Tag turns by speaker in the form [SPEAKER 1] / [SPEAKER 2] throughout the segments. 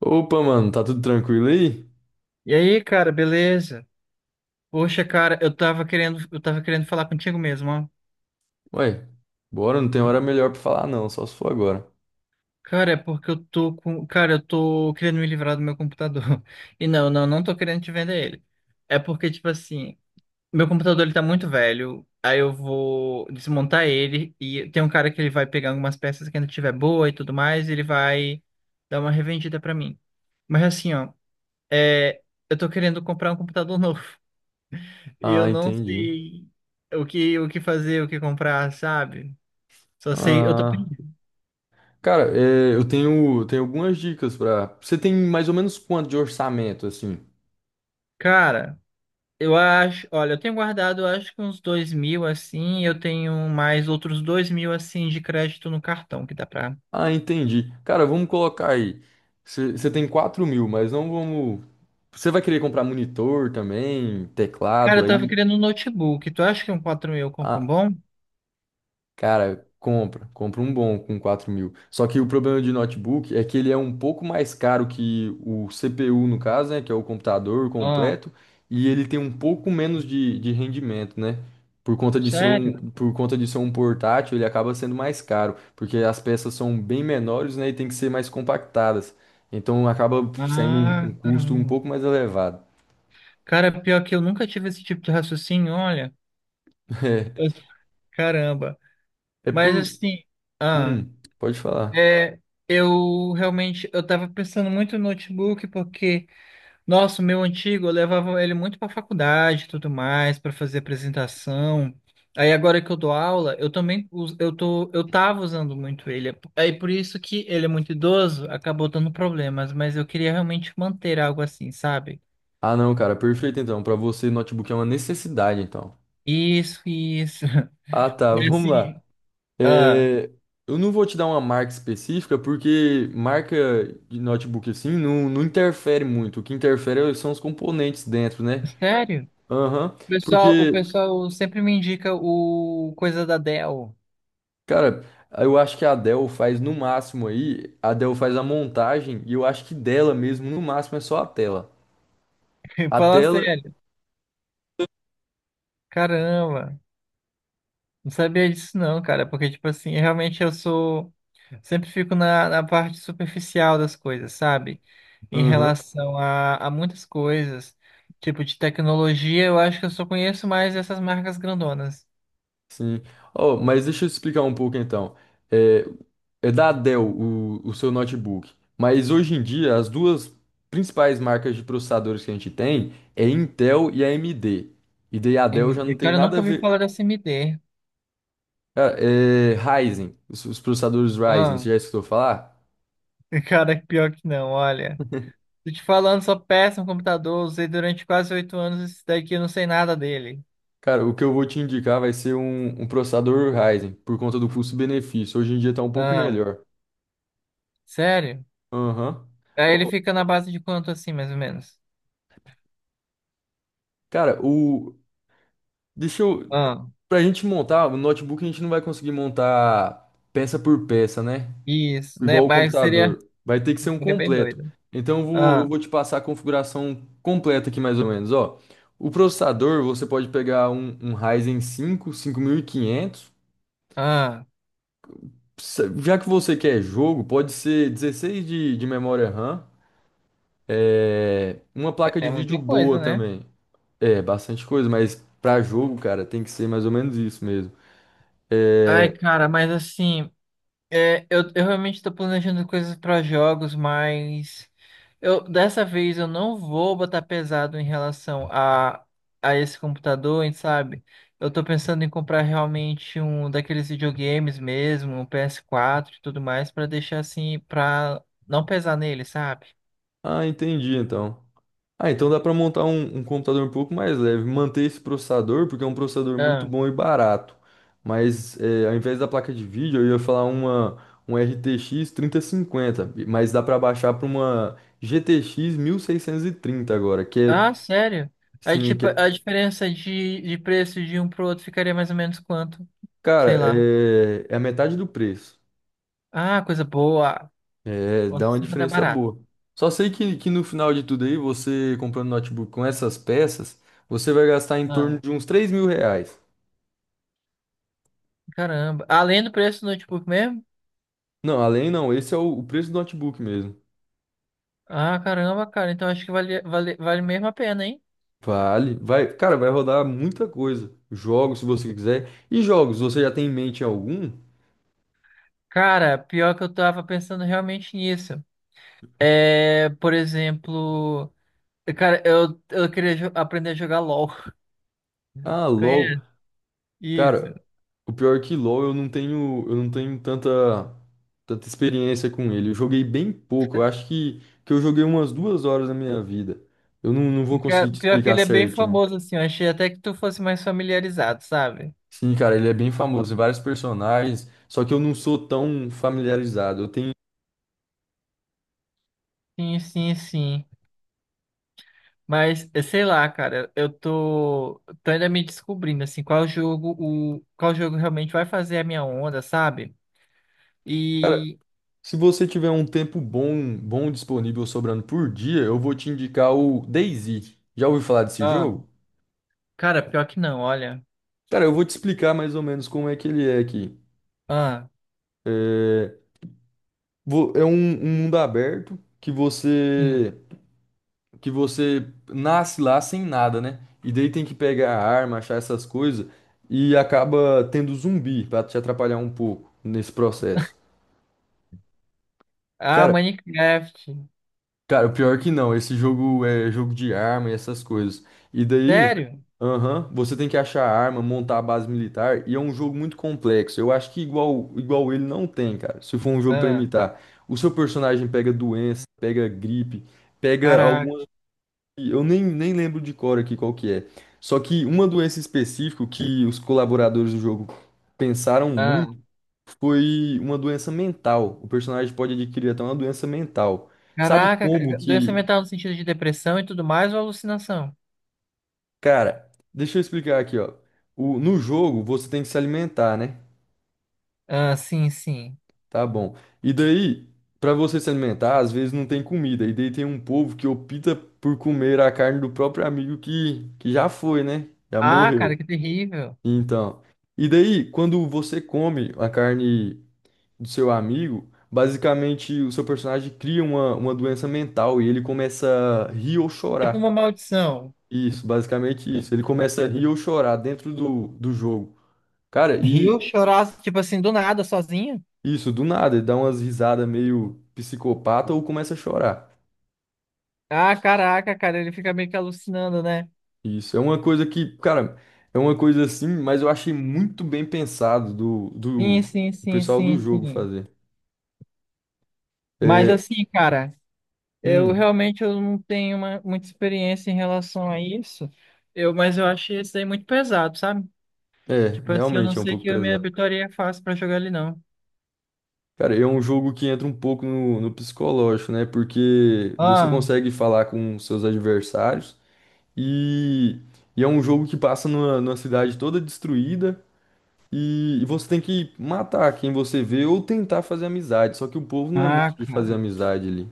[SPEAKER 1] Opa, mano, tá tudo tranquilo aí?
[SPEAKER 2] E aí, cara, beleza? Poxa, cara, eu tava querendo falar contigo mesmo, ó.
[SPEAKER 1] Ué, bora, não tem hora melhor pra falar não, só se for agora.
[SPEAKER 2] Cara, é porque eu tô querendo me livrar do meu computador. E não, não, não tô querendo te vender ele. É porque, tipo assim, meu computador ele tá muito velho, aí eu vou desmontar ele e tem um cara que ele vai pegar algumas peças que ainda tiver boa e tudo mais, e ele vai dar uma revendida pra mim. Mas assim, ó, é, eu tô querendo comprar um computador novo. E eu
[SPEAKER 1] Ah,
[SPEAKER 2] não
[SPEAKER 1] entendi.
[SPEAKER 2] sei o que fazer, o que comprar, sabe? Só sei, eu tô
[SPEAKER 1] Ah,
[SPEAKER 2] perdido.
[SPEAKER 1] cara, é, tenho algumas dicas pra... Você tem mais ou menos quanto de orçamento, assim?
[SPEAKER 2] Cara, eu acho, olha, eu tenho guardado, eu acho que uns 2.000 assim, e eu tenho mais outros 2.000 assim de crédito no cartão que dá pra.
[SPEAKER 1] Ah, entendi. Cara, vamos colocar aí. Você tem 4.000, mas não vamos... Você vai querer comprar monitor também,
[SPEAKER 2] Cara,
[SPEAKER 1] teclado
[SPEAKER 2] eu tava
[SPEAKER 1] aí?
[SPEAKER 2] querendo um notebook. Tu acha que um 4.000 eu compro um
[SPEAKER 1] Ah,
[SPEAKER 2] bom?
[SPEAKER 1] cara, compra. Compra um bom com 4.000. Só que o problema de notebook é que ele é um pouco mais caro que o CPU, no caso, né? Que é o computador
[SPEAKER 2] Ah,
[SPEAKER 1] completo. E ele tem um pouco menos de rendimento, né?
[SPEAKER 2] sério?
[SPEAKER 1] Por conta de ser um portátil, ele acaba sendo mais caro. Porque as peças são bem menores, né? E tem que ser mais compactadas. Então acaba saindo um
[SPEAKER 2] Ah,
[SPEAKER 1] custo um
[SPEAKER 2] caramba.
[SPEAKER 1] pouco mais elevado.
[SPEAKER 2] Cara, pior que eu nunca tive esse tipo de raciocínio, olha. Eu- Caramba.
[SPEAKER 1] É, é
[SPEAKER 2] Mas
[SPEAKER 1] por.
[SPEAKER 2] assim, ah.
[SPEAKER 1] Hum, pode falar.
[SPEAKER 2] É, eu realmente, eu tava pensando muito no notebook porque, nossa, o meu antigo, eu levava ele muito pra faculdade e tudo mais, pra fazer apresentação. Aí agora que eu dou aula, eu também, eu tava usando muito ele. Aí por isso que ele é muito idoso, acabou dando problemas, mas eu queria realmente manter algo assim, sabe?
[SPEAKER 1] Ah, não, cara, perfeito então. Pra você, notebook é uma necessidade, então.
[SPEAKER 2] Isso, isso.
[SPEAKER 1] Ah, tá, vamos lá.
[SPEAKER 2] Assim, ah,
[SPEAKER 1] É, eu não vou te dar uma marca específica, porque marca de notebook assim não interfere muito. O que interfere são os componentes dentro, né?
[SPEAKER 2] sério?
[SPEAKER 1] Aham.
[SPEAKER 2] O
[SPEAKER 1] Porque,
[SPEAKER 2] pessoal sempre me indica o coisa da Dell.
[SPEAKER 1] cara, eu acho que a Dell faz no máximo aí, a Dell faz a montagem, e eu acho que dela mesmo, no máximo, é só a tela. A
[SPEAKER 2] Fala
[SPEAKER 1] tela.
[SPEAKER 2] sério. Caramba, não sabia disso não, cara, porque, tipo assim, eu realmente eu sou, sempre fico na, parte superficial das coisas, sabe? Em
[SPEAKER 1] Aham.
[SPEAKER 2] relação a muitas coisas, tipo de tecnologia, eu acho que eu só conheço mais essas marcas grandonas.
[SPEAKER 1] Sim. Oh, mas deixa eu explicar um pouco então. É, é da Dell o seu notebook. Mas hoje em dia, as duas principais marcas de processadores que a gente tem é Intel e a AMD. E daí a Dell
[SPEAKER 2] M
[SPEAKER 1] já não
[SPEAKER 2] D.
[SPEAKER 1] tem
[SPEAKER 2] Cara, eu
[SPEAKER 1] nada
[SPEAKER 2] nunca
[SPEAKER 1] a
[SPEAKER 2] ouvi
[SPEAKER 1] ver.
[SPEAKER 2] falar dessa MD.
[SPEAKER 1] Ah, é Ryzen, os processadores Ryzen, você
[SPEAKER 2] Ah,
[SPEAKER 1] já escutou falar?
[SPEAKER 2] cara, pior que não, olha. Tô te falando, sou péssimo computador, usei durante quase 8 anos esse daqui, eu não sei nada dele.
[SPEAKER 1] Cara, o que eu vou te indicar vai ser um processador Ryzen, por conta do custo-benefício. Hoje em dia tá um pouco
[SPEAKER 2] Ah,
[SPEAKER 1] melhor.
[SPEAKER 2] sério?
[SPEAKER 1] Aham.
[SPEAKER 2] Aí ele
[SPEAKER 1] Ô,
[SPEAKER 2] fica na base de quanto assim, mais ou menos?
[SPEAKER 1] cara, o. Deixa eu. Pra gente montar, o notebook a gente não vai conseguir montar peça por peça, né?
[SPEAKER 2] Isso, né?
[SPEAKER 1] Igual o
[SPEAKER 2] Mas
[SPEAKER 1] computador. Vai ter que ser um
[SPEAKER 2] seria bem
[SPEAKER 1] completo.
[SPEAKER 2] doido.
[SPEAKER 1] Então eu
[SPEAKER 2] Ah,
[SPEAKER 1] vou te passar a configuração completa aqui mais ou menos, ó. O processador, você pode pegar um Ryzen 5, 5500.
[SPEAKER 2] ah,
[SPEAKER 1] Já que você quer jogo, pode ser 16 de memória RAM. É, uma placa de
[SPEAKER 2] é
[SPEAKER 1] vídeo
[SPEAKER 2] muita
[SPEAKER 1] boa
[SPEAKER 2] coisa, né?
[SPEAKER 1] também. É, bastante coisa, mas pra jogo, cara, tem que ser mais ou menos isso mesmo.
[SPEAKER 2] Ai,
[SPEAKER 1] É,
[SPEAKER 2] cara, mas assim, eu realmente tô planejando coisas para jogos, mas eu dessa vez eu não vou botar pesado em relação a, esse computador, hein, sabe? Eu tô pensando em comprar realmente um daqueles videogames mesmo, um PS4 e tudo mais, para deixar assim, pra não pesar nele, sabe?
[SPEAKER 1] ah, entendi então. Ah, então dá para montar um computador um pouco mais leve, manter esse processador, porque é um processador muito bom e barato. Mas é, ao invés da placa de vídeo, eu ia falar uma um RTX 3050, mas dá para baixar para uma GTX 1630 agora, que é,
[SPEAKER 2] Ah, sério? Aí,
[SPEAKER 1] sim, que
[SPEAKER 2] tipo, a
[SPEAKER 1] é-
[SPEAKER 2] diferença de preço de um pro outro ficaria mais ou menos quanto? Sei
[SPEAKER 1] cara,
[SPEAKER 2] lá.
[SPEAKER 1] é, é a metade do preço.
[SPEAKER 2] Ah, coisa boa.
[SPEAKER 1] É, dá
[SPEAKER 2] Nossa,
[SPEAKER 1] uma
[SPEAKER 2] 50 é
[SPEAKER 1] diferença
[SPEAKER 2] barato.
[SPEAKER 1] boa. Só sei que no final de tudo aí, você comprando notebook com essas peças, você vai gastar em
[SPEAKER 2] Ah,
[SPEAKER 1] torno
[SPEAKER 2] é.
[SPEAKER 1] de uns R$ 3.000.
[SPEAKER 2] Caramba. Além do preço do notebook mesmo?
[SPEAKER 1] Não, além não, esse é o preço do notebook mesmo.
[SPEAKER 2] Ah, caramba, cara. Então acho que vale, vale, vale mesmo a pena, hein?
[SPEAKER 1] Vale, vai, cara, vai rodar muita coisa. Jogos, se você quiser. E jogos, você já tem em mente algum?
[SPEAKER 2] Cara, pior que eu tava pensando realmente nisso. É, por exemplo, cara, eu queria aprender a jogar LOL.
[SPEAKER 1] Ah, LoL.
[SPEAKER 2] Conhece? Isso.
[SPEAKER 1] Cara, o pior é que LoL eu não tenho tanta experiência com ele. Eu joguei bem pouco. Eu acho que eu joguei umas 2 horas da minha vida. Eu não, não vou
[SPEAKER 2] Cara,
[SPEAKER 1] conseguir te
[SPEAKER 2] pior que
[SPEAKER 1] explicar
[SPEAKER 2] ele é bem
[SPEAKER 1] certinho.
[SPEAKER 2] famoso, assim. Eu achei até que tu fosse mais familiarizado, sabe?
[SPEAKER 1] Sim, cara, ele é bem famoso, tem vários personagens, só que eu não sou tão familiarizado. Eu tenho,
[SPEAKER 2] Sim, sim, sim. Mas, sei lá, cara, eu tô ainda me descobrindo, assim, qual jogo realmente vai fazer a minha onda, sabe?
[SPEAKER 1] cara,
[SPEAKER 2] E,
[SPEAKER 1] se você tiver um tempo bom, bom disponível sobrando por dia, eu vou te indicar o DayZ. Já ouviu falar desse
[SPEAKER 2] ah,
[SPEAKER 1] jogo?
[SPEAKER 2] cara, pior que não, olha.
[SPEAKER 1] Cara, eu vou te explicar mais ou menos como é que ele é aqui.
[SPEAKER 2] Ah,
[SPEAKER 1] É, é um mundo aberto
[SPEAKER 2] sim.
[SPEAKER 1] que você nasce lá sem nada, né? E daí tem que pegar a arma, achar essas coisas e acaba tendo zumbi pra te atrapalhar um pouco nesse processo.
[SPEAKER 2] Ah,
[SPEAKER 1] Cara,
[SPEAKER 2] Minecraft.
[SPEAKER 1] Cara, o pior que não. Esse jogo é jogo de arma e essas coisas. E daí,
[SPEAKER 2] Sério?
[SPEAKER 1] aham, você tem que achar a arma, montar a base militar, e é um jogo muito complexo. Eu acho que igual ele não tem, cara. Se for um jogo pra
[SPEAKER 2] Ah,
[SPEAKER 1] imitar, o seu personagem pega doença, pega gripe, pega
[SPEAKER 2] caraca.
[SPEAKER 1] algumas. Eu nem, nem lembro de cor aqui qual que é. Só que uma doença específica que os colaboradores do jogo pensaram
[SPEAKER 2] Ah,
[SPEAKER 1] muito foi uma doença mental. O personagem pode adquirir até uma doença mental. Sabe
[SPEAKER 2] caraca,
[SPEAKER 1] como
[SPEAKER 2] doença
[SPEAKER 1] que,
[SPEAKER 2] mental no sentido de depressão e tudo mais ou alucinação?
[SPEAKER 1] cara, deixa eu explicar aqui, ó. No jogo você tem que se alimentar, né?
[SPEAKER 2] Ah, sim, sim.
[SPEAKER 1] Tá bom. E daí, pra você se alimentar, às vezes não tem comida. E daí tem um povo que opta por comer a carne do próprio amigo que já foi, né? Já
[SPEAKER 2] Ah,
[SPEAKER 1] morreu.
[SPEAKER 2] cara, que terrível.
[SPEAKER 1] Então, e daí, quando você come a carne do seu amigo, basicamente o seu personagem cria uma doença mental e ele começa a rir ou
[SPEAKER 2] Tipo uma
[SPEAKER 1] chorar.
[SPEAKER 2] maldição.
[SPEAKER 1] Isso, basicamente isso. Ele começa a rir ou chorar dentro do jogo. Cara,
[SPEAKER 2] Rio
[SPEAKER 1] e
[SPEAKER 2] chorar, tipo assim, do nada, sozinho?
[SPEAKER 1] isso, do nada, ele dá umas risadas meio psicopata ou começa a chorar.
[SPEAKER 2] Ah, caraca, cara, ele fica meio que alucinando, né?
[SPEAKER 1] Isso, é uma coisa que, cara, é uma coisa assim, mas eu achei muito bem pensado
[SPEAKER 2] Sim, sim,
[SPEAKER 1] do
[SPEAKER 2] sim,
[SPEAKER 1] pessoal do
[SPEAKER 2] sim,
[SPEAKER 1] jogo
[SPEAKER 2] sim.
[SPEAKER 1] fazer.
[SPEAKER 2] Mas
[SPEAKER 1] É,
[SPEAKER 2] assim, cara, eu
[SPEAKER 1] hum,
[SPEAKER 2] realmente eu não tenho muita experiência em relação a isso. Mas eu achei isso aí muito pesado, sabe?
[SPEAKER 1] é,
[SPEAKER 2] Tipo assim, eu não
[SPEAKER 1] realmente é um
[SPEAKER 2] sei
[SPEAKER 1] pouco
[SPEAKER 2] que eu me
[SPEAKER 1] pesado.
[SPEAKER 2] habituaria fácil pra jogar ele, não.
[SPEAKER 1] Cara, é um jogo que entra um pouco no, no psicológico, né? Porque você
[SPEAKER 2] Ah,
[SPEAKER 1] consegue falar com seus adversários e, e é um jogo que passa numa cidade toda destruída. E você tem que matar quem você vê ou tentar fazer amizade. Só que o povo não é
[SPEAKER 2] ah,
[SPEAKER 1] muito de fazer
[SPEAKER 2] cara.
[SPEAKER 1] amizade ali.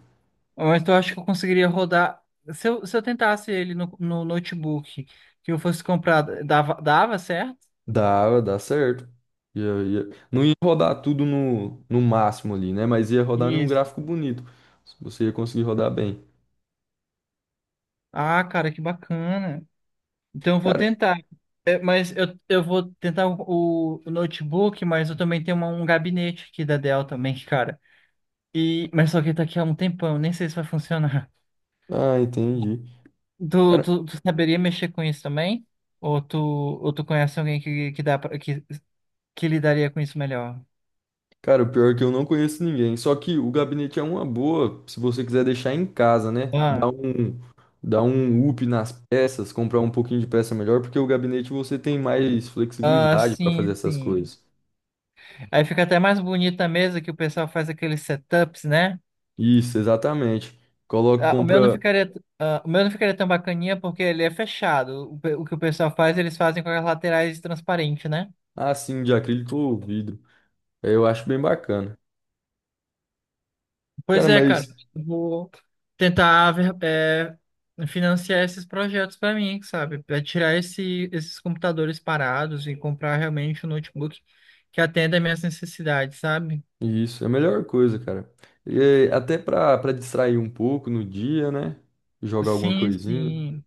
[SPEAKER 2] Mas eu acho que eu conseguiria rodar. Se eu tentasse ele no notebook que eu fosse comprar, dava certo?
[SPEAKER 1] Dá, dá certo. Ia- ia- Não ia rodar tudo no máximo ali, né? Mas ia rodar num
[SPEAKER 2] Isso.
[SPEAKER 1] gráfico bonito. Você ia conseguir rodar bem.
[SPEAKER 2] Ah, cara, que bacana. Então eu vou
[SPEAKER 1] Cara,
[SPEAKER 2] tentar. É, mas eu vou tentar o notebook, mas eu também tenho um gabinete aqui da Dell também, cara. E, mas só que tá aqui há um tempão, nem sei se vai funcionar.
[SPEAKER 1] ah, entendi.
[SPEAKER 2] Tu saberia mexer com isso também? Ou tu conhece alguém que, dá pra, que, que lidaria com isso melhor?
[SPEAKER 1] Cara, o pior é que eu não conheço ninguém. Só que o gabinete é uma boa, se você quiser deixar em casa, né? Dar
[SPEAKER 2] Ah,
[SPEAKER 1] dar um up nas peças, comprar um pouquinho de peça melhor, porque o gabinete você tem mais
[SPEAKER 2] ah,
[SPEAKER 1] flexibilidade para fazer
[SPEAKER 2] sim,
[SPEAKER 1] essas
[SPEAKER 2] sim.
[SPEAKER 1] coisas.
[SPEAKER 2] Aí fica até mais bonita a mesa que o pessoal faz aqueles setups, né?
[SPEAKER 1] Isso, exatamente. Coloca,
[SPEAKER 2] Ah, o meu não
[SPEAKER 1] compra
[SPEAKER 2] ficaria, ah, o meu não ficaria tão bacaninha porque ele é fechado. O que o pessoal faz, eles fazem com as laterais transparentes, né?
[SPEAKER 1] assim de acrílico ou vidro. É, eu acho bem bacana. Cara,
[SPEAKER 2] Pois é, cara.
[SPEAKER 1] mas
[SPEAKER 2] Eu vou tentar financiar esses projetos para mim, sabe? Para tirar esses computadores parados e comprar realmente um notebook que atenda às minhas necessidades, sabe?
[SPEAKER 1] isso é a melhor coisa, cara. E, é, até para distrair um pouco no dia, né? Jogar alguma
[SPEAKER 2] Sim,
[SPEAKER 1] coisinha.
[SPEAKER 2] sim.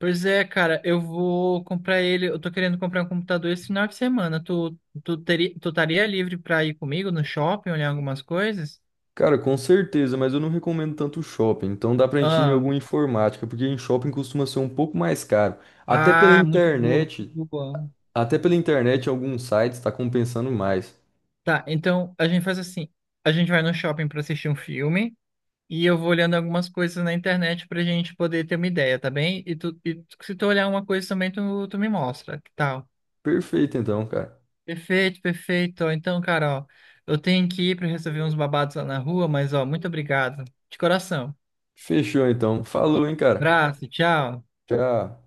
[SPEAKER 2] Pois é, cara, eu vou comprar ele. Eu tô querendo comprar um computador esse final de semana. Tu estaria livre pra ir comigo no shopping olhar algumas coisas?
[SPEAKER 1] Cara, com certeza, mas eu não recomendo tanto shopping. Então dá pra gente ir em
[SPEAKER 2] Ah,
[SPEAKER 1] alguma informática, porque em shopping costuma ser um pouco mais caro. Até pela
[SPEAKER 2] ah, muito boa,
[SPEAKER 1] internet,
[SPEAKER 2] muito boa.
[SPEAKER 1] até pela internet alguns sites tá compensando mais.
[SPEAKER 2] Tá, então a gente faz assim: a gente vai no shopping pra assistir um filme e eu vou olhando algumas coisas na internet pra gente poder ter uma ideia, tá bem? E se tu olhar uma coisa também, tu me mostra, que tal?
[SPEAKER 1] Perfeito então, cara.
[SPEAKER 2] Perfeito, perfeito. Então, cara, ó, eu tenho que ir para resolver uns babados lá na rua, mas ó, muito obrigado. De coração.
[SPEAKER 1] Fechou então. Falou, hein, cara.
[SPEAKER 2] Abraço, tchau.
[SPEAKER 1] Tchau.